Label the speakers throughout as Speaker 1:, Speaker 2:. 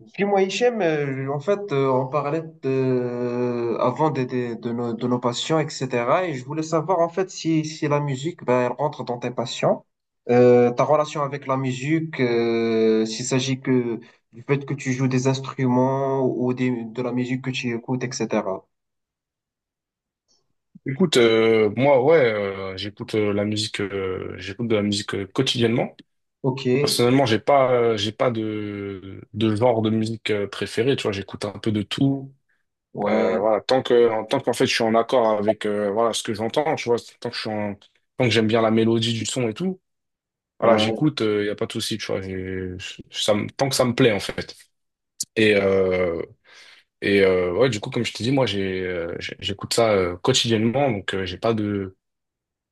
Speaker 1: Dis-moi, Hichem, en fait, on parlait de, avant de nos passions, etc. Et je voulais savoir, en fait, si la musique, ben, elle rentre dans tes passions. Ta relation avec la musique, s'il s'agit que du fait que tu joues des instruments ou de la musique que tu écoutes, etc.
Speaker 2: Écoute, moi, ouais, j'écoute la musique, j'écoute de la musique quotidiennement.
Speaker 1: Ok,
Speaker 2: Personnellement, j'ai pas de, de genre de musique préféré. Tu vois, j'écoute un peu de tout.
Speaker 1: ouais,
Speaker 2: Voilà, en tant qu'en fait, je suis en accord avec voilà ce que j'entends. Tu vois, tant que je suis en- tant que j'aime bien la mélodie du son et tout. Voilà,
Speaker 1: ouais,
Speaker 2: j'écoute. Il y a pas de souci. Tant que ça me plaît en fait. Et euh, ouais, du coup, comme je te dis moi, j'écoute ça quotidiennement. Donc, j'ai pas de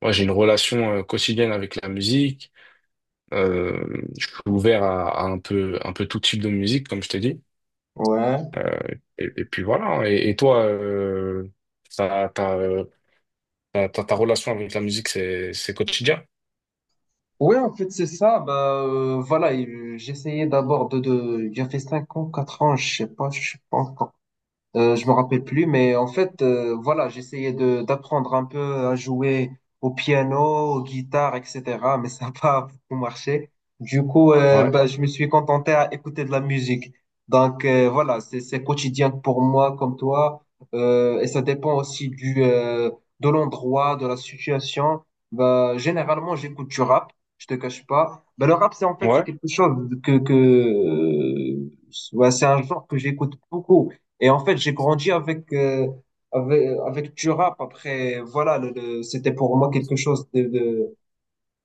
Speaker 2: Moi, j'ai une relation quotidienne avec la musique. Je suis ouvert à un peu tout type de musique, comme je t'ai dit.
Speaker 1: ouais.
Speaker 2: Euh, et puis voilà, hein. Et toi, ta, ta, euh, ta relation avec la musique, c'est quotidien?
Speaker 1: Ouais, en fait, c'est ça. Bah, voilà, et, j'essayais d'abord de, de. J'ai fait 5 ans, 4 ans, je sais pas, je sais pas. Je me rappelle plus, mais en fait, voilà, j'essayais de d'apprendre un peu à jouer au piano, aux guitares, etc. Mais ça n'a pas beaucoup marché. Du coup,
Speaker 2: Ouais.
Speaker 1: bah, je me suis contenté à écouter de la musique. Donc voilà, c'est quotidien pour moi comme toi. Et ça dépend aussi du de l'endroit, de la situation. Bah, généralement, j'écoute du rap. Je te cache pas. Bah, le rap, c'est en fait c'est
Speaker 2: Ouais.
Speaker 1: quelque chose que ouais, c'est un genre que j'écoute beaucoup et en fait, j'ai grandi avec du rap. Après, voilà, c'était pour moi quelque chose de, de,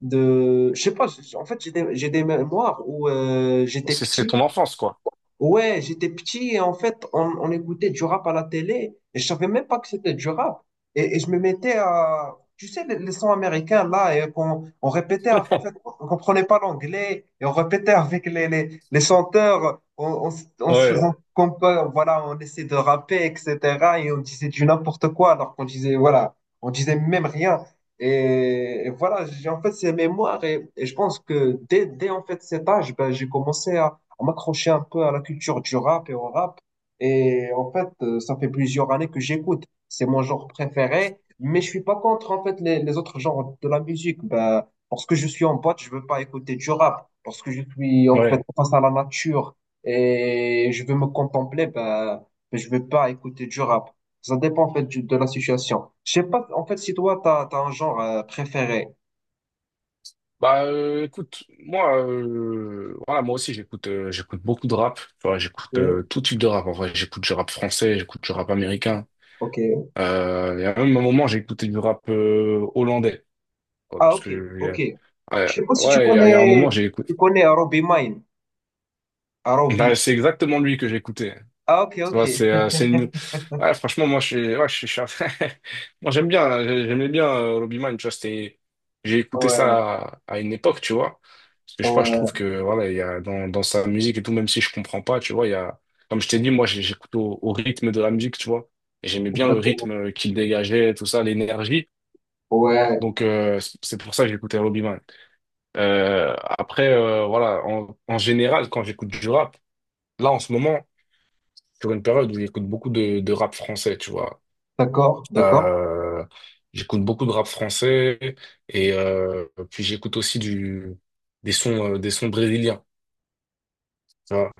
Speaker 1: de, je sais pas, en fait, j'ai des mémoires où j'étais
Speaker 2: C'est ton
Speaker 1: petit.
Speaker 2: enfance, quoi.
Speaker 1: Ouais, j'étais petit et en fait, on écoutait du rap à la télé et je savais même pas que c'était du rap. Et je me mettais à, tu sais, les sons américains là, et qu'on on répétait, en fait, on comprenait pas l'anglais et on répétait avec les chanteurs, on se faisait
Speaker 2: Ouais.
Speaker 1: comme quoi, voilà, on essayait de rapper, etc. Et on disait du n'importe quoi alors qu'on disait, voilà, on disait même rien. Et voilà, j'ai en fait ces mémoires et je pense que dès en fait cet âge, ben, j'ai commencé à m'accrocher un peu à la culture du rap et au rap. Et en fait, ça fait plusieurs années que j'écoute. C'est mon genre préféré, mais je suis pas contre en fait les autres genres de la musique. Bah, parce que je suis en boîte, je veux pas écouter du rap. Parce que je suis en fait
Speaker 2: Ouais.
Speaker 1: face à la nature et je veux me contempler, bah, je veux pas écouter du rap. Ça dépend en fait de la situation. Je sais pas en fait si toi t'as un genre préféré.
Speaker 2: Écoute, moi, voilà, moi aussi, j'écoute beaucoup de rap. Tu vois, j'écoute
Speaker 1: Ok.
Speaker 2: tout type de rap. En vrai, j'écoute du rap français, j'écoute du rap américain.
Speaker 1: Ok.
Speaker 2: Il y a même un moment, j'ai écouté du rap hollandais. Ouais,
Speaker 1: Ah,
Speaker 2: parce
Speaker 1: ok,
Speaker 2: que,
Speaker 1: ok.
Speaker 2: il
Speaker 1: Je
Speaker 2: ouais,
Speaker 1: sais pas si
Speaker 2: il y a un moment, j'ai écouté.
Speaker 1: tu connais Robbie Mine. Arobi.
Speaker 2: Bah, c'est exactement lui que j'ai écouté.
Speaker 1: Ah, ok,
Speaker 2: Tu
Speaker 1: ok.
Speaker 2: vois, c'est, euh, c'est une... ouais, franchement, moi, je suis, ouais, je suis- moi, j'aimais bien Robbie Mann, tu vois, j'ai écouté
Speaker 1: Ouais,
Speaker 2: ça à une époque, tu vois. Parce que je sais pas, je trouve
Speaker 1: ouais,
Speaker 2: que, voilà, il y a dans sa musique et tout, même si je comprends pas, tu vois, il y a, comme je t'ai dit, j'écoute au, au rythme de la musique, tu vois. Et j'aimais bien le
Speaker 1: exactement.
Speaker 2: rythme qu'il dégageait, tout ça, l'énergie.
Speaker 1: Ouais,
Speaker 2: Donc, c'est pour ça que j'écoutais Robbie Man. Voilà, en, en général, quand j'écoute du rap, là, en ce moment, sur une période où j'écoute beaucoup de rap français, tu vois.
Speaker 1: d'accord, d'accord.
Speaker 2: Euh, J'écoute beaucoup de rap français et puis j'écoute aussi des sons brésiliens. Tu vois.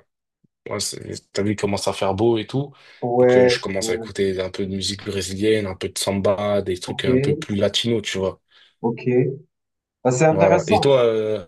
Speaker 2: Ouais, c'est- t'as vu, il commence à faire beau et tout. Donc, je
Speaker 1: Ouais,
Speaker 2: commence à
Speaker 1: ouais,
Speaker 2: écouter un peu de musique brésilienne, un peu de samba, des trucs
Speaker 1: ok,
Speaker 2: un peu plus latinos, tu vois.
Speaker 1: ok. Bah, c'est
Speaker 2: Voilà. Et
Speaker 1: intéressant.
Speaker 2: toi, euh,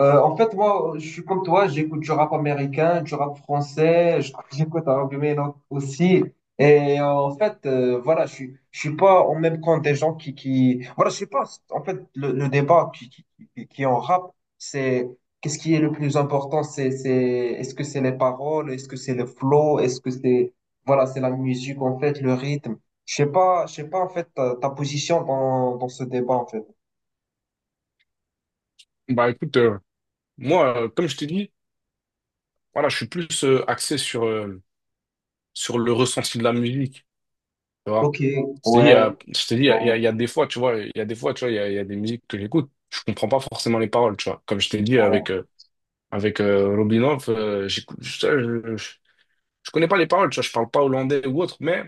Speaker 1: En fait, moi, je suis comme toi, j'écoute du rap américain, du rap français, j'écoute un peu mes langues aussi. Et en fait, voilà, je suis pas en même compte des gens qui, voilà, je sais pas. En fait, le débat qui est en rap, c'est qu'est-ce qui est le plus important? C'est, est-ce que c'est les paroles? Est-ce que c'est le flow? Est-ce que c'est, voilà, c'est la musique, en fait, le rythme? Je sais pas, en fait, ta position dans ce débat, en fait.
Speaker 2: bah écoute, comme je t'ai dit, voilà, je suis plus axé sur, sur le ressenti de la musique, tu vois.
Speaker 1: Ok, ouais,
Speaker 2: Je te dis, il y
Speaker 1: ouais,
Speaker 2: a des fois, tu vois, il y a des fois, tu vois, il y a des musiques que j'écoute, je comprends pas forcément les paroles, tu vois. Comme je t'ai dit
Speaker 1: ouais.
Speaker 2: avec Robinov, j'écoute, je connais pas les paroles, tu vois, je parle pas hollandais ou autre, mais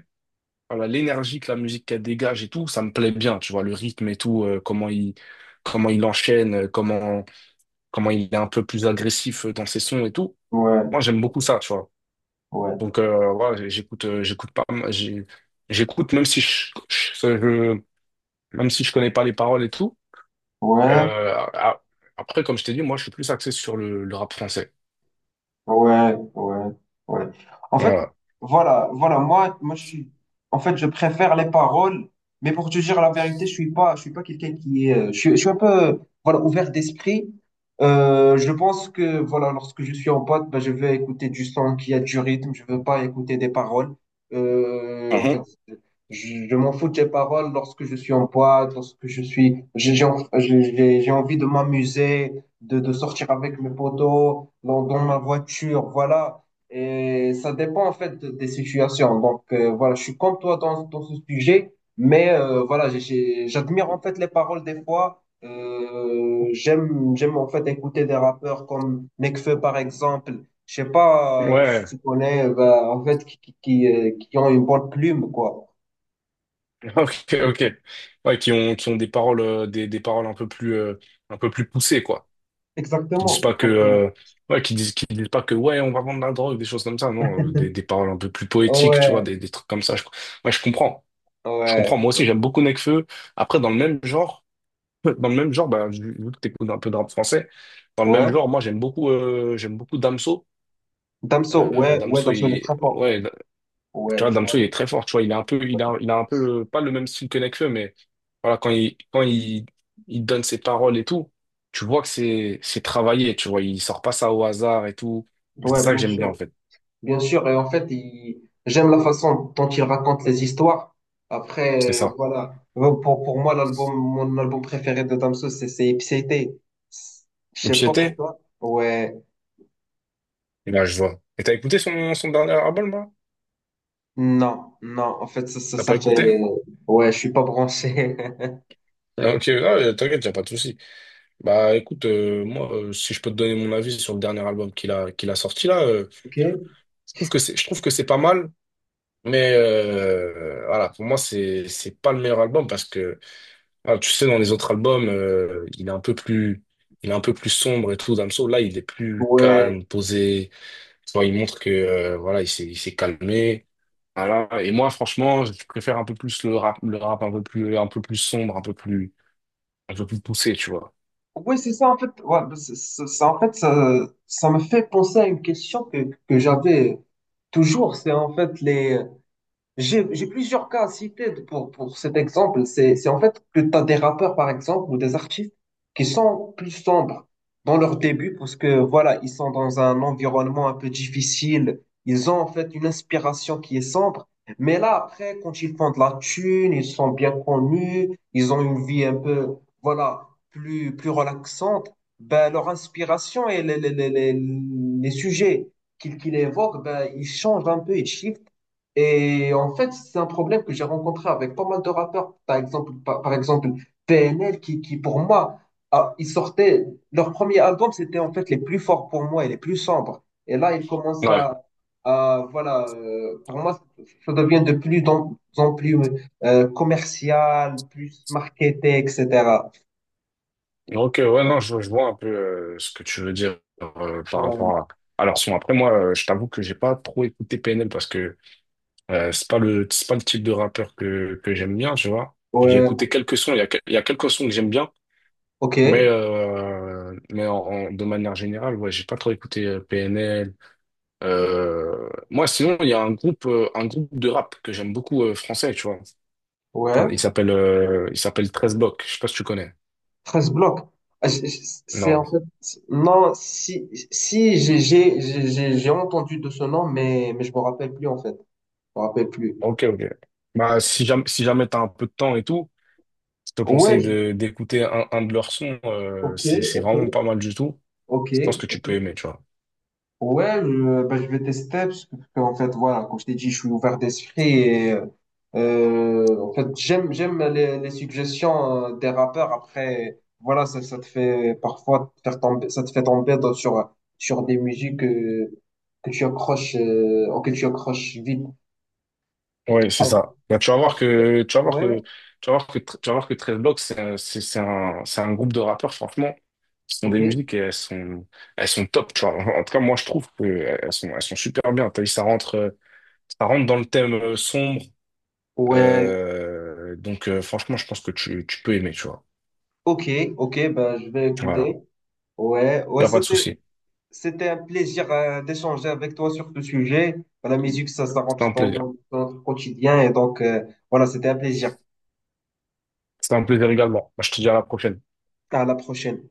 Speaker 2: voilà, l'énergie que la musique qu'elle dégage et tout, ça me plaît bien, tu vois, le rythme et tout, comment il enchaîne, comment il est un peu plus agressif dans ses sons et tout.
Speaker 1: Ouais.
Speaker 2: Moi, j'aime beaucoup ça, tu vois.
Speaker 1: Ouais,
Speaker 2: Donc voilà, j'écoute, j'écoute pas, j'ai- j'écoute même si je, je- même si je connais pas les paroles et tout.
Speaker 1: ouais,
Speaker 2: Euh, a- Comme je t'ai dit, moi, je suis plus axé sur le rap français.
Speaker 1: ouais, ouais, ouais. En fait,
Speaker 2: Voilà.
Speaker 1: voilà, voilà, moi, je suis, en fait, je préfère les paroles, mais pour te dire la vérité, je suis pas quelqu'un qui est, je suis un peu, voilà, ouvert d'esprit. Je pense que, voilà, lorsque je suis en pote, ben, je vais écouter du son qui a du rythme, je veux pas écouter des paroles. En fait,
Speaker 2: Mhm.
Speaker 1: je m'en fous des paroles lorsque je suis en pote, j'ai en- j'ai- j'ai envie de m'amuser. De sortir avec mes potos, dans ma voiture, voilà. Et ça dépend en fait des situations. Donc voilà, je suis comme toi dans ce sujet, mais voilà, j'admire en fait les paroles des fois. J'aime, j'aime en fait écouter des rappeurs comme Nekfeu par exemple. Je sais pas si
Speaker 2: Ouais.
Speaker 1: tu connais, bah, en fait, qui ont une bonne plume, quoi.
Speaker 2: Ok, ok. Ouais, qui ont des paroles, des paroles un peu plus poussées, quoi. Qui disent
Speaker 1: Exactement,
Speaker 2: pas que,
Speaker 1: exactement.
Speaker 2: euh, qui disent pas que, ouais, on va vendre de la drogue, des choses comme ça. Non, des paroles un peu plus poétiques, tu vois,
Speaker 1: Ouais,
Speaker 2: des trucs comme ça. Ouais, je comprends. Je
Speaker 1: ouais,
Speaker 2: comprends. Moi aussi, j'aime beaucoup Nekfeu. Après, dans le même genre. Dans le même genre, bah, vu vu que t'écoutes un peu de rap français, dans le même
Speaker 1: ouais.
Speaker 2: genre, j'aime beaucoup Damso.
Speaker 1: Damso,
Speaker 2: Euh,
Speaker 1: ouais, ouais,
Speaker 2: Damso,
Speaker 1: Damso, il est
Speaker 2: il,
Speaker 1: très fort.
Speaker 2: ouais, Tu
Speaker 1: Ouais,
Speaker 2: vois,
Speaker 1: très fort.
Speaker 2: Damso, il est très fort. Tu vois, il a un peu, pas le même style que Nekfeu, mais voilà, quand il donne ses paroles et tout, tu vois c'est travaillé. Tu vois, il sort pas ça au hasard et tout. C'est
Speaker 1: Ouais,
Speaker 2: ça que
Speaker 1: bien
Speaker 2: j'aime bien
Speaker 1: sûr,
Speaker 2: en fait.
Speaker 1: bien sûr. Et en fait, j'aime la façon dont il raconte les histoires.
Speaker 2: C'est
Speaker 1: Après,
Speaker 2: ça.
Speaker 1: voilà. Bon, pour moi, mon album préféré de Damso, c'est Ipséité. Je
Speaker 2: Et
Speaker 1: sais
Speaker 2: puis
Speaker 1: pas
Speaker 2: j'étais,
Speaker 1: pourquoi. Ouais,
Speaker 2: et là je vois. Et t'as écouté son, son dernier album là?
Speaker 1: non, non. En fait,
Speaker 2: T'as pas
Speaker 1: ça fait.
Speaker 2: écouté?
Speaker 1: Ouais, je suis pas branché.
Speaker 2: Ah, ok, ah, t'inquiète, y a pas de souci. Bah écoute, si je peux te donner mon avis sur le dernier album qu'il a sorti là,
Speaker 1: Ok.
Speaker 2: je trouve que c'est pas mal, mais voilà, pour moi, c'est pas le meilleur album parce que, ah, tu sais, dans les autres albums, il est un peu plus sombre et tout. Damso, là, il est plus
Speaker 1: Ouais.
Speaker 2: calme, posé. Tu vois, il montre que, voilà, il s'est calmé. Voilà. Et moi, franchement, je préfère un peu plus le rap, un peu plus sombre, un peu plus poussé, tu vois.
Speaker 1: Ouais, c'est ça en fait. Ouais, ça, en fait, ça me fait penser à une question que j'avais toujours. C'est en fait les. J'ai plusieurs cas à citer pour cet exemple. C'est en fait que tu as des rappeurs, par exemple, ou des artistes qui sont plus sombres dans leur début parce que, voilà, ils sont dans un environnement un peu difficile. Ils ont en fait une inspiration qui est sombre. Mais là, après, quand ils font de la thune, ils sont bien connus, ils ont une vie un peu, voilà, plus relaxante, ben, leur inspiration et les sujets qu'ils évoquent, ben, ils changent un peu, ils shiftent. Et en fait, c'est un problème que j'ai rencontré avec pas mal de rappeurs. Par exemple PNL, qui pour moi, ah, ils sortaient, leur premier album, c'était en fait les plus forts pour moi et les plus sombres. Et là, ils commencent
Speaker 2: Ouais.
Speaker 1: à, voilà, pour moi, ça devient de plus en plus commercial, plus marketé, etc.
Speaker 2: Ok, ouais, non, je vois un peu ce que tu veux dire par
Speaker 1: Ouais,
Speaker 2: rapport à. Je t'avoue que j'ai pas trop écouté PNL parce que c'est pas le type de rappeur que j'aime bien, tu vois. J'ai
Speaker 1: ouais,
Speaker 2: écouté quelques sons, il y a quelques sons que j'aime bien, mais,
Speaker 1: ok,
Speaker 2: de manière générale, ouais, j'ai pas trop écouté PNL. Moi, sinon, il y a un groupe de rap que j'aime beaucoup français, tu vois.
Speaker 1: ouais.
Speaker 2: Il s'appelle 13 Blocs, je sais pas si tu connais.
Speaker 1: 13 blocs. Ah, c'est en
Speaker 2: Non.
Speaker 1: fait, non, si j'ai entendu de ce nom, mais, je me rappelle plus en fait. Je me rappelle plus.
Speaker 2: Ok, ok. Bah, si jamais t'as un peu de temps et tout, je te
Speaker 1: Ouais,
Speaker 2: conseille d'écouter un de leurs sons.
Speaker 1: ok,
Speaker 2: C'est
Speaker 1: ok,
Speaker 2: vraiment pas mal du tout.
Speaker 1: ok.
Speaker 2: Je pense que tu peux aimer, tu vois.
Speaker 1: Ouais, bah, je vais tester parce que, en fait, voilà, comme je t'ai dit, je suis ouvert d'esprit et en fait, j'aime les suggestions des rappeurs. Après, voilà, ça te fait parfois te faire tomber, ça te fait tomber sur des musiques que tu accroches, auxquelles tu accroches vite.
Speaker 2: Ouais, c'est
Speaker 1: Ah,
Speaker 2: ça. Bah, tu vas voir
Speaker 1: après-
Speaker 2: que, tu vas voir
Speaker 1: ouais,
Speaker 2: que, tu vas voir que, tu vas voir que 13 Blocks, c'est un groupe de rappeurs, franchement, qui sont
Speaker 1: ok,
Speaker 2: des musiques et elles sont top, tu vois. En tout cas, moi, je trouve que elles sont super bien. T'as vu, ça rentre dans le thème sombre.
Speaker 1: ouais,
Speaker 2: Franchement, je pense que tu peux aimer, tu vois.
Speaker 1: ok, ok, bah, je vais
Speaker 2: Voilà.
Speaker 1: écouter. Ouais,
Speaker 2: Y
Speaker 1: ouais,
Speaker 2: a pas de souci.
Speaker 1: c'était un plaisir d'échanger avec toi sur ce sujet. La musique, ça
Speaker 2: C'était
Speaker 1: rentre
Speaker 2: un plaisir.
Speaker 1: dans notre quotidien et donc, voilà, c'était un plaisir.
Speaker 2: C'était un plaisir également. Bah, je te dis à la prochaine.
Speaker 1: À la prochaine.